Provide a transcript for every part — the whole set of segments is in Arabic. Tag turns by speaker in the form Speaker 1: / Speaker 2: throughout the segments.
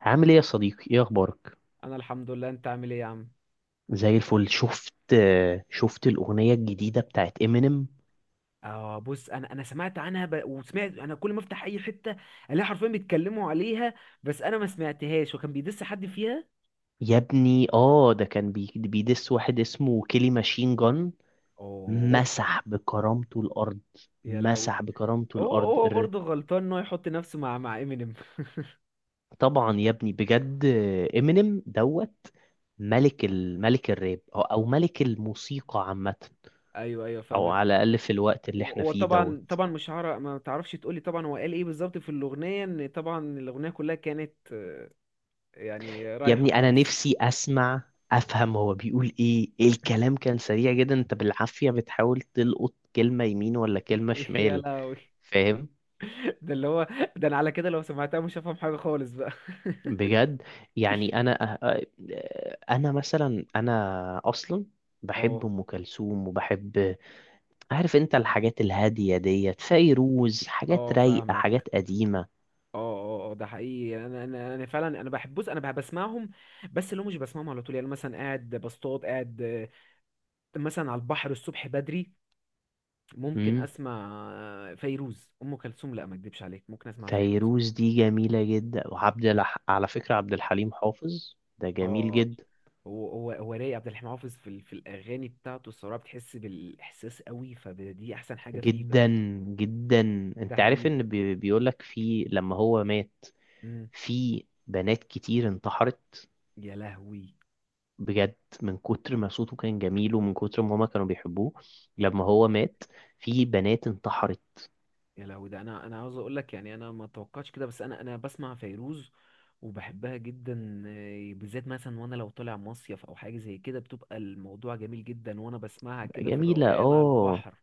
Speaker 1: عامل ايه يا صديقي؟ ايه اخبارك؟
Speaker 2: انا الحمد لله، انت عامل ايه يا عم؟
Speaker 1: زي الفل. شفت الاغنيه الجديده بتاعت امينيم؟
Speaker 2: اه، بص، انا سمعت عنها، وسمعت انا كل ما افتح اي حته الاقي حرفيا بيتكلموا عليها. بس انا ما سمعتهاش، وكان بيدس حد فيها.
Speaker 1: يا ابني، اه، ده كان بيدس واحد اسمه كيلي ماشين جان.
Speaker 2: اوه.
Speaker 1: مسح بكرامته الارض.
Speaker 2: يا لهوي.
Speaker 1: مسح بكرامته
Speaker 2: هو
Speaker 1: الارض
Speaker 2: هو
Speaker 1: الر-
Speaker 2: برضه غلطان ان هو يحط نفسه مع امينيم.
Speaker 1: طبعا يا ابني، بجد. امينيم دوت. ملك الراب او ملك الموسيقى عامه.
Speaker 2: ايوه، ايوه،
Speaker 1: او
Speaker 2: فاهمك.
Speaker 1: على الاقل في الوقت اللي
Speaker 2: هو
Speaker 1: احنا
Speaker 2: هو
Speaker 1: فيه
Speaker 2: طبعا،
Speaker 1: دوت.
Speaker 2: طبعا مش هعرف. ما تعرفش تقولي طبعا هو قال ايه بالظبط في الاغنيه؟ ان طبعا الاغنيه كلها كانت يعني
Speaker 1: يا
Speaker 2: رايحه
Speaker 1: ابني، انا
Speaker 2: خالص.
Speaker 1: نفسي اسمع، افهم هو بيقول ايه. إيه، الكلام كان سريع جدا، انت بالعافية بتحاول تلقط كلمة يمين ولا كلمة
Speaker 2: يا
Speaker 1: شمال.
Speaker 2: لهوي.
Speaker 1: فاهم.
Speaker 2: ده اللي هو، ده انا على كده لو سمعتها مش هفهم حاجه خالص بقى.
Speaker 1: بجد. يعني انا انا مثلا انا اصلا بحب
Speaker 2: اه،
Speaker 1: ام كلثوم وبحب، عارف انت الحاجات الهادية ديت، فيروز، حاجات
Speaker 2: اه،
Speaker 1: رايقة،
Speaker 2: فاهمك.
Speaker 1: حاجات قديمة.
Speaker 2: اه، اه، اه، ده حقيقي. يعني انا فعلا انا بحب. بص انا بسمعهم. بس اللي هو مش بسمعهم على طول. يعني مثلا قاعد بصطاد، قاعد مثلا على البحر الصبح بدري. ممكن
Speaker 1: امم.
Speaker 2: اسمع فيروز ام كلثوم. لا، ما اكدبش عليك، ممكن اسمع فيروز.
Speaker 1: فيروز دي جميلة جدا. على فكرة، عبد الحليم حافظ ده جميل
Speaker 2: اه.
Speaker 1: جدا.
Speaker 2: هو رايق عبد الحليم حافظ في الاغاني بتاعته. الصراحه بتحس بالاحساس قوي، فدي احسن حاجه فيه.
Speaker 1: جدا، جدا.
Speaker 2: ده
Speaker 1: انت عارف
Speaker 2: حقيقي.
Speaker 1: ان بيقولك في، لما هو مات،
Speaker 2: مم.
Speaker 1: في بنات كتير انتحرت.
Speaker 2: يا لهوي.
Speaker 1: بجد، من كتر ما صوته كان جميل ومن كتر ما هما كانوا بيحبوه، لما هو مات في بنات انتحرت.
Speaker 2: يا لهوي. ده انا عاوز اقول لك. يعني انا ما توقعتش كده، بس انا بسمع فيروز وبحبها جدا، بالذات مثلا وانا لو طالع مصيف او حاجه زي كده بتبقى الموضوع جميل جدا وانا بسمعها كده في
Speaker 1: جميلة،
Speaker 2: الروقان على
Speaker 1: اه.
Speaker 2: البحر.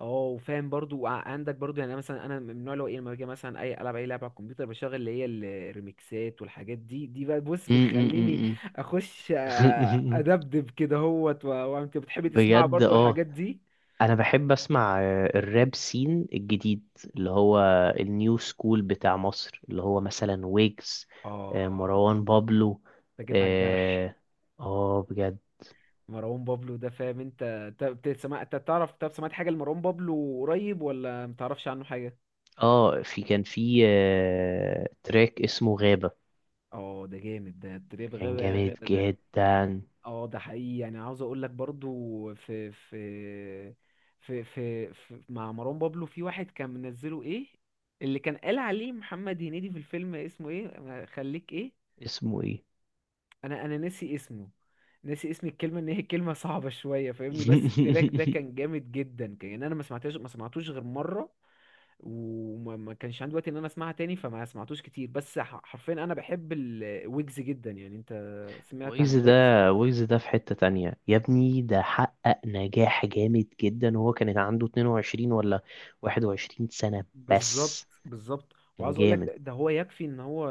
Speaker 2: اه، وفاهم برضو. وعندك برضو، يعني أنا مثلا انا من النوع اللي هو ايه، لما باجي مثلا اي العب اي لعبه على الكمبيوتر بشغل اللي هي الريميكسات والحاجات دي بقى. بص،
Speaker 1: م-
Speaker 2: بتخليني
Speaker 1: م-
Speaker 2: اخش
Speaker 1: م- م.
Speaker 2: ادبدب كده هوت وانت بتحبي تسمعها
Speaker 1: بجد،
Speaker 2: برضو
Speaker 1: اه.
Speaker 2: الحاجات دي.
Speaker 1: انا بحب اسمع الراب سين الجديد، اللي هو النيو سكول بتاع مصر، اللي هو مثلا ويجز،
Speaker 2: اه،
Speaker 1: مروان بابلو.
Speaker 2: انت جيت على الجرح.
Speaker 1: اه، بجد،
Speaker 2: مروان بابلو ده، فاهم؟ انت بتسمع. انت تعرف، طب سمعت حاجه لمروان بابلو قريب، ولا متعرفش عنه حاجه؟
Speaker 1: اه. في كان في تراك اسمه غابة.
Speaker 2: اه، ده جامد. ده التريب،
Speaker 1: كان
Speaker 2: غابة،
Speaker 1: جامد
Speaker 2: غابة ده.
Speaker 1: جدا.
Speaker 2: اه، ده حقيقي. يعني عاوز اقول لك برضو، في مع مروان بابلو في واحد كان منزله ايه، اللي كان قال عليه محمد هنيدي في الفيلم اسمه ايه، خليك ايه.
Speaker 1: اسمه ايه؟
Speaker 2: انا ناسي اسمه، ناسي اسم الكلمه، ان هي كلمه صعبه شويه، فاهمني. بس التراك ده كان جامد جدا، كان يعني انا ما سمعتوش غير مره. وما ما كانش عندي وقت ان انا اسمعها تاني، فما سمعتوش كتير. بس حرفيا انا بحب الويجز جدا. يعني انت سمعت عن
Speaker 1: ويجز ده،
Speaker 2: ويجز؟
Speaker 1: ويجز ده في حتة تانية يا ابني. ده حقق نجاح جامد جدا، وهو كان عنده 22 ولا 21 سنة
Speaker 2: بالظبط،
Speaker 1: بس.
Speaker 2: بالظبط.
Speaker 1: كان
Speaker 2: وعاوز اقول لك
Speaker 1: جامد
Speaker 2: ده هو يكفي ان هو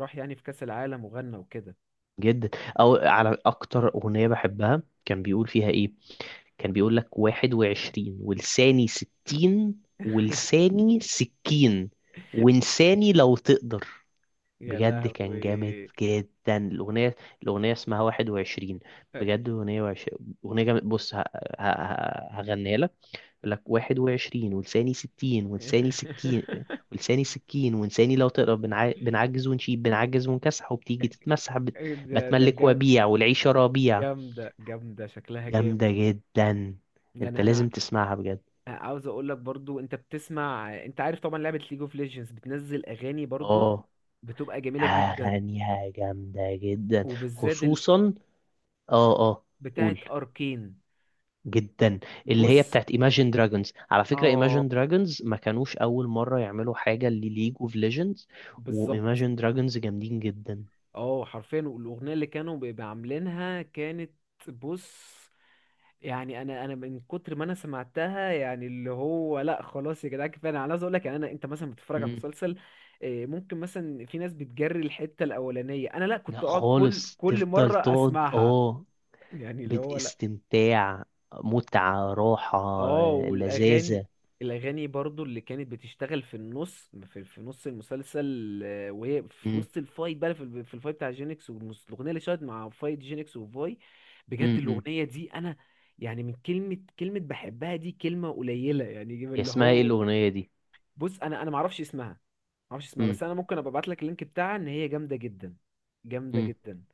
Speaker 2: راح يعني في كاس العالم وغنى وكده.
Speaker 1: جدا. او على اكتر اغنيه بحبها كان بيقول فيها ايه؟ كان بيقول لك: 21، ولساني 60، ولساني سكين، وانساني لو تقدر.
Speaker 2: يا
Speaker 1: بجد كان جامد
Speaker 2: لهوي.
Speaker 1: جدا الاغنيه. الاغنيه اسمها 21. بجد اغنيه اغنيه جامد. بص هغنيها لك. يقول لك: 21، ولساني ستين، ولساني سكين، ولساني سكين، ولساني لو تقرا. بنعجز ونشيب، بنعجز ونكسح، وبتيجي تتمسح
Speaker 2: إيه ده
Speaker 1: بتملك
Speaker 2: جامد.
Speaker 1: وبيع، والعيشة ربيع.
Speaker 2: جامدة، جامدة، شكلها
Speaker 1: جامدة
Speaker 2: جامد.
Speaker 1: جدا. انت
Speaker 2: يعني انا
Speaker 1: لازم تسمعها بجد.
Speaker 2: عاوز اقول لك برضو، انت بتسمع، انت عارف طبعا لعبة ليج اوف ليجندز بتنزل اغاني برضو.
Speaker 1: اه،
Speaker 2: بتبقى جميلة جدا،
Speaker 1: اغانيها جامدة جدا.
Speaker 2: وبالذات
Speaker 1: خصوصا، اه، اه،
Speaker 2: بتاعة
Speaker 1: قول.
Speaker 2: اركين.
Speaker 1: جدا. اللي هي
Speaker 2: بص.
Speaker 1: بتاعت Imagine Dragons. على فكرة،
Speaker 2: اه،
Speaker 1: Imagine Dragons ما كانوش أول مرة يعملوا حاجة لليج اوف ليجندز. و
Speaker 2: بالظبط.
Speaker 1: Imagine Dragons جامدين جدا.
Speaker 2: اه، حرفيا، والاغنية اللي كانوا بيبقى عاملينها كانت. بص. يعني انا من كتر ما انا سمعتها، يعني اللي هو لا خلاص يا جدعان كفايه. انا عايز اقول لك يعني، انا انت مثلا بتتفرج على مسلسل، ممكن مثلا في ناس بتجري الحته الاولانيه. انا لا،
Speaker 1: لا
Speaker 2: كنت اقعد كل
Speaker 1: خالص،
Speaker 2: كل
Speaker 1: تفضل
Speaker 2: مره
Speaker 1: تقعد،
Speaker 2: اسمعها
Speaker 1: اه،
Speaker 2: يعني اللي هو.
Speaker 1: باستمتاع، متعة، راحة،
Speaker 2: اه، والاغاني،
Speaker 1: لذاذة.
Speaker 2: برضو اللي كانت بتشتغل في النص في نص المسلسل، وهي في
Speaker 1: مم.
Speaker 2: وسط الفايت بقى في الفايت بتاع جينكس، الاغنيه اللي شغالة مع فايت جينكس وفاي. بجد
Speaker 1: مم. مم.
Speaker 2: الاغنيه دي انا، يعني من كلمه كلمه بحبها، دي كلمه قليله يعني
Speaker 1: هي
Speaker 2: اللي
Speaker 1: اسمها ايه
Speaker 2: هو.
Speaker 1: الأغنية دي؟
Speaker 2: بص، انا ما اعرفش اسمها، ما اعرفش اسمها.
Speaker 1: مم.
Speaker 2: بس انا ممكن ابقى ابعت لك اللينك بتاعها، ان هي جامده جدا، جامده
Speaker 1: مم.
Speaker 2: جدا،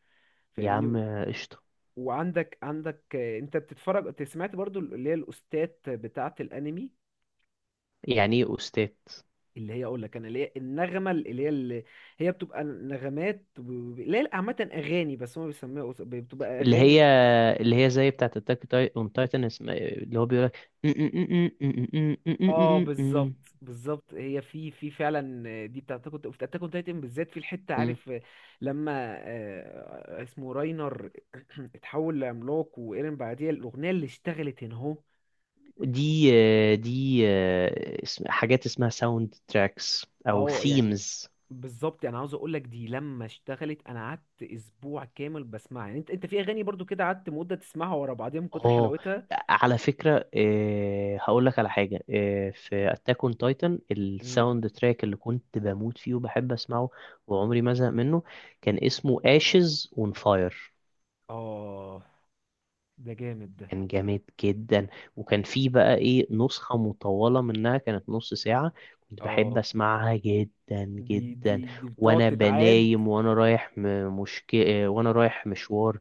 Speaker 1: يا
Speaker 2: فاهمني
Speaker 1: عم،
Speaker 2: و-
Speaker 1: قشطة.
Speaker 2: وعندك انت بتتفرج، انت سمعت برضو اللي هي الاستاذ بتاعه الانمي؟
Speaker 1: يعني ايه أستاذ؟
Speaker 2: اللي هي، اقول لك انا، اللي هي النغمه، اللي هي بتبقى نغمات، اللي هي عامه اغاني، بس هم بيسموها بتبقى
Speaker 1: اللي
Speaker 2: اغاني.
Speaker 1: هي اللي هي زي بتاعة أتاك أون تايتن، اسمها إيه؟ اللي هو بيقولك.
Speaker 2: اه، بالظبط، بالظبط. هي في فعلا دي بتاعت كنت في اتاك اون تايتن، بالذات في الحته
Speaker 1: مم.
Speaker 2: عارف لما اسمه راينر اتحول لعملاق وايرين، بعديها الاغنيه اللي اشتغلت هنا اهو.
Speaker 1: دي دي آه، اسم حاجات اسمها ساوند تراكس أو
Speaker 2: اه، يعني
Speaker 1: ثيمز.
Speaker 2: بالظبط. يعني عاوز اقول لك دي لما اشتغلت انا قعدت اسبوع كامل بسمعها. يعني انت في اغاني برضو كده قعدت مده تسمعها ورا بعضيها من كتر
Speaker 1: اه،
Speaker 2: حلاوتها.
Speaker 1: على فكرة، إيه هقول لك على حاجة. إيه، في اتاك اون تايتن
Speaker 2: مم.
Speaker 1: الساوند تراك اللي كنت بموت فيه وبحب اسمعه وعمري ما ازهق منه، كان اسمه ashes on fire.
Speaker 2: اه، ده جامد ده.
Speaker 1: كان جامد جدا. وكان فيه بقى ايه، نسخة مطولة منها كانت نص ساعة. كنت بحب
Speaker 2: اه،
Speaker 1: اسمعها جدا.
Speaker 2: دي
Speaker 1: جدا،
Speaker 2: دي دي بتقعد
Speaker 1: وانا
Speaker 2: تتعاد.
Speaker 1: بنايم وانا رايح م- مشك... آه، وانا رايح مشوار.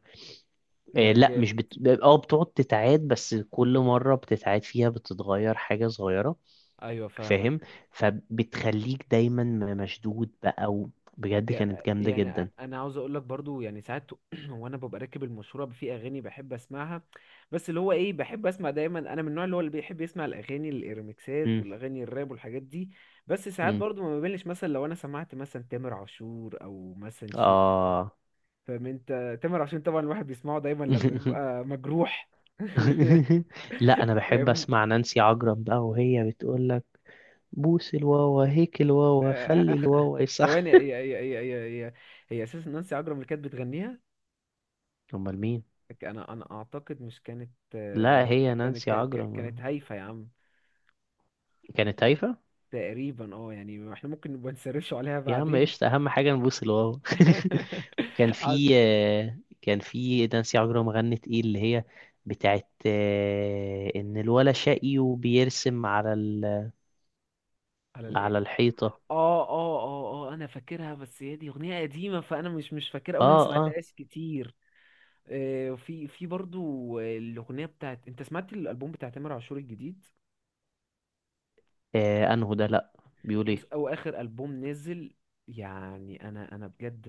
Speaker 2: ده
Speaker 1: لا مش
Speaker 2: جامد.
Speaker 1: بت... اه، بتقعد تتعاد، بس كل مرة بتتعاد فيها بتتغير حاجة صغيرة.
Speaker 2: ايوه، فاهمك.
Speaker 1: فاهم. فبتخليك دايما مشدود بقى. بجد كانت جامدة
Speaker 2: يعني
Speaker 1: جدا.
Speaker 2: انا عاوز اقول لك برضو، يعني ساعات وانا ببقى راكب المشوره في اغاني بحب اسمعها. بس اللي هو ايه، بحب اسمع دايما. انا من النوع اللي هو اللي بيحب يسمع الاغاني الريمكسات
Speaker 1: مم.
Speaker 2: والاغاني الراب والحاجات دي. بس ساعات
Speaker 1: مم.
Speaker 2: برضو ما بملش، مثلا لو انا سمعت مثلا تامر عاشور، او مثلا شيرين.
Speaker 1: اه.
Speaker 2: فاهم انت، تامر عاشور طبعا الواحد بيسمعه دايما لما بيبقى مجروح.
Speaker 1: لا، انا بحب
Speaker 2: فاهمني.
Speaker 1: اسمع نانسي عجرم بقى، وهي بتقول لك: بوس الواوا، هيك الواوا، خلي الواوا يصح.
Speaker 2: ثواني، هي اساسا نانسي عجرم اللي كانت بتغنيها.
Speaker 1: امال مين؟
Speaker 2: انا اعتقد مش كانت،
Speaker 1: لا، هي
Speaker 2: كانت
Speaker 1: نانسي عجرم.
Speaker 2: كانت هايفه يا عم.
Speaker 1: كانت هايفة
Speaker 2: تقريبا، اه، يعني احنا ممكن نبقى نسرش عليها
Speaker 1: يا عم.
Speaker 2: بعدين.
Speaker 1: قشطة، أهم حاجة نبوس الواو. وكان
Speaker 2: على
Speaker 1: في آه، كان في نانسي عجرم غنت ايه اللي هي بتاعت إن الولا شقي وبيرسم
Speaker 2: على الايه؟
Speaker 1: على الحيطة.
Speaker 2: اه، اه، اه، اه، انا فاكرها. بس هي دي اغنيه قديمه، فانا مش فاكرها، او
Speaker 1: اه
Speaker 2: انا ما
Speaker 1: اه,
Speaker 2: سمعتهاش كتير. في برضو، الاغنيه بتاعت، انت سمعت الالبوم بتاع تامر عاشور الجديد؟
Speaker 1: أنهو ده؟ لأ. بيقول
Speaker 2: بص،
Speaker 1: ايه؟
Speaker 2: او اخر البوم نزل. يعني انا بجد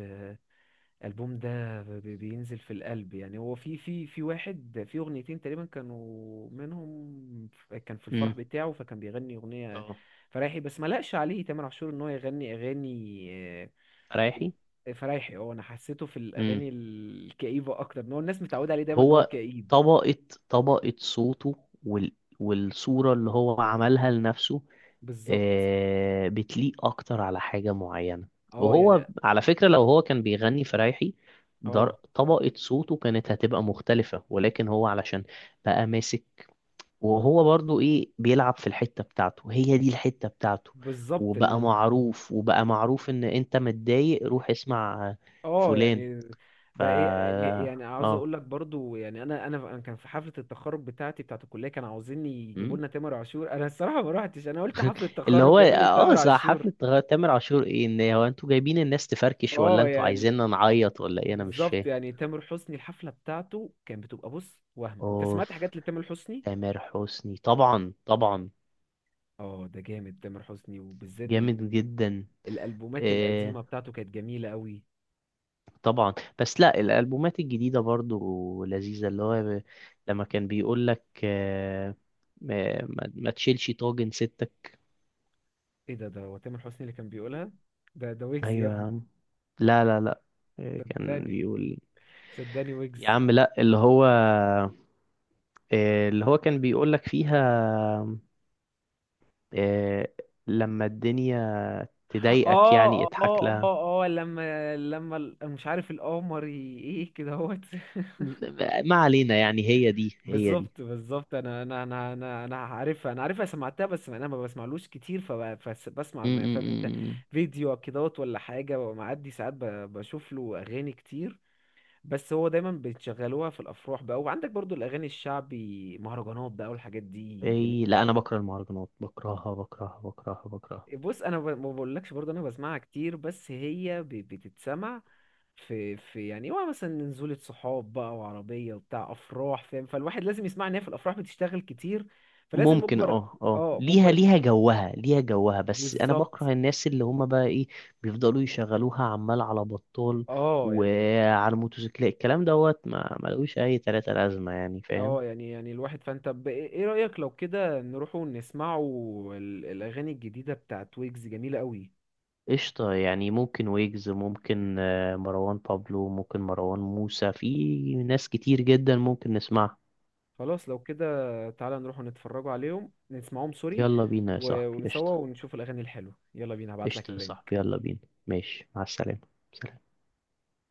Speaker 2: الالبوم ده بينزل في القلب. يعني هو في واحد، في اغنيتين تقريبا كانوا منهم، كان في الفرح
Speaker 1: امم.
Speaker 2: بتاعه فكان بيغني
Speaker 1: اه،
Speaker 2: اغنيه
Speaker 1: انهو؟
Speaker 2: فرايحي. بس ما لقش عليه تامر عاشور ان هو يغني اغاني
Speaker 1: رايحي.
Speaker 2: فرايحي. اه، انا حسيته في
Speaker 1: امم.
Speaker 2: الاغاني الكئيبه اكتر، ان هو الناس متعوده عليه دايما ان هو
Speaker 1: هو
Speaker 2: كئيب.
Speaker 1: طبقة طبقة صوته، وال... والصورة اللي هو عملها لنفسه.
Speaker 2: بالظبط.
Speaker 1: بتليق اكتر على حاجة معينة.
Speaker 2: اه،
Speaker 1: وهو
Speaker 2: يعني.
Speaker 1: على فكرة لو هو كان بيغني فرايحي،
Speaker 2: اه،
Speaker 1: طبقة صوته كانت هتبقى مختلفة، ولكن هو علشان بقى ماسك، وهو برضو ايه بيلعب في الحتة بتاعته. هي دي الحتة بتاعته.
Speaker 2: بالظبط.
Speaker 1: وبقى معروف، وبقى معروف ان انت متضايق روح اسمع
Speaker 2: اه،
Speaker 1: فلان.
Speaker 2: يعني
Speaker 1: ف
Speaker 2: بقى ايه، يعني عاوز
Speaker 1: اه،
Speaker 2: اقول لك برضو، يعني انا كان في حفله التخرج بتاعتي بتاعت الكليه كانوا عاوزين يجيبوا
Speaker 1: م؟
Speaker 2: لنا تامر عاشور. انا الصراحه ما روحتش، انا قلت حفله
Speaker 1: اللي
Speaker 2: تخرج
Speaker 1: هو،
Speaker 2: جميل لي
Speaker 1: اه
Speaker 2: تامر
Speaker 1: صح،
Speaker 2: عاشور؟
Speaker 1: حفلة تامر عاشور ايه؟ ان هو انتوا جايبين الناس تفركش ولا
Speaker 2: اه،
Speaker 1: انتوا
Speaker 2: يعني
Speaker 1: عايزيننا نعيط ولا ايه؟ انا مش
Speaker 2: بالظبط.
Speaker 1: فاهم.
Speaker 2: يعني تامر حسني الحفله بتاعته كانت بتبقى بص وهم، انت سمعت
Speaker 1: اوف.
Speaker 2: حاجات لتامر حسني؟
Speaker 1: تامر حسني طبعا، طبعا.
Speaker 2: اه، ده جامد تامر حسني. وبالذات
Speaker 1: جامد جدا.
Speaker 2: الالبومات
Speaker 1: إيه،
Speaker 2: القديمه بتاعته كانت جميله قوي.
Speaker 1: طبعا. بس لا، الالبومات الجديده برضو لذيذه، اللي هو لما كان بيقول لك ما تشيلش طاجن ستك.
Speaker 2: ايه؟ ده هو تامر حسني اللي كان بيقولها؟ ده ويجز يا
Speaker 1: ايوه يا
Speaker 2: ابني.
Speaker 1: عم. لا، لا، لا. إيه كان
Speaker 2: صدقني،
Speaker 1: بيقول؟
Speaker 2: صدقني
Speaker 1: يا
Speaker 2: ويجز.
Speaker 1: عم لا، اللي هو كان بيقول لك فيها إيه، لما الدنيا
Speaker 2: اه.
Speaker 1: تضايقك يعني اضحك
Speaker 2: اه،
Speaker 1: لها.
Speaker 2: اه، اه، لما مش عارف القمر ايه كده اهوت.
Speaker 1: ما علينا، يعني هي دي، هي دي.
Speaker 2: بالظبط، بالظبط. انا عارفها، انا عارفها، سمعتها. بس انا ما بسمعلوش كتير، فبسمع ما فاهم انت
Speaker 1: امم.
Speaker 2: فيديو كدهوت ولا حاجه، ومعدي ساعات بشوف له اغاني كتير. بس هو دايما بتشغلوها في الافراح بقى. وعندك برضو الاغاني الشعبي، مهرجانات بقى والحاجات دي جميله
Speaker 1: اي، لا، انا
Speaker 2: برضو.
Speaker 1: بكره المهرجانات، بكرهها بكرهها بكرهها بكرهها.
Speaker 2: بص، انا ما بقولكش برضو انا بسمعها كتير، بس هي بتتسمع في يعني هو مثلا نزولة صحاب بقى وعربية وبتاع أفراح، فاهم، فالواحد لازم يسمع إن هي في الأفراح بتشتغل كتير، فلازم
Speaker 1: ممكن،
Speaker 2: مجبر.
Speaker 1: اه، اه،
Speaker 2: اه،
Speaker 1: ليها،
Speaker 2: مجبر
Speaker 1: ليها جوها، ليها جوها، بس انا
Speaker 2: بالظبط.
Speaker 1: بكره الناس اللي هما بقى ايه، بيفضلوا يشغلوها عمال على بطال،
Speaker 2: اه، يعني.
Speaker 1: وعلى الموتوسيكلات الكلام دوت. ما ملقوش اي تلاتة لازمة، يعني، فاهم.
Speaker 2: اه، يعني الواحد، فانت ايه رأيك لو كده نروحوا نسمعوا الأغاني الجديدة بتاعت ويجز؟ جميلة قوي.
Speaker 1: قشطة، يعني ممكن ويجز، ممكن مروان بابلو، ممكن مروان موسى. في ناس كتير جدا ممكن نسمعها.
Speaker 2: خلاص، لو كده تعالى نروحوا نتفرجوا عليهم، نسمعهم سوري
Speaker 1: يلا بينا يا صاحبي،
Speaker 2: ونسوا
Speaker 1: قشطة.
Speaker 2: ونشوف الأغاني الحلوة. يلا بينا، هبعتلك
Speaker 1: قشطة يا
Speaker 2: اللينك.
Speaker 1: صاحبي، يلا بينا. ماشي، مع السلامة. سلام.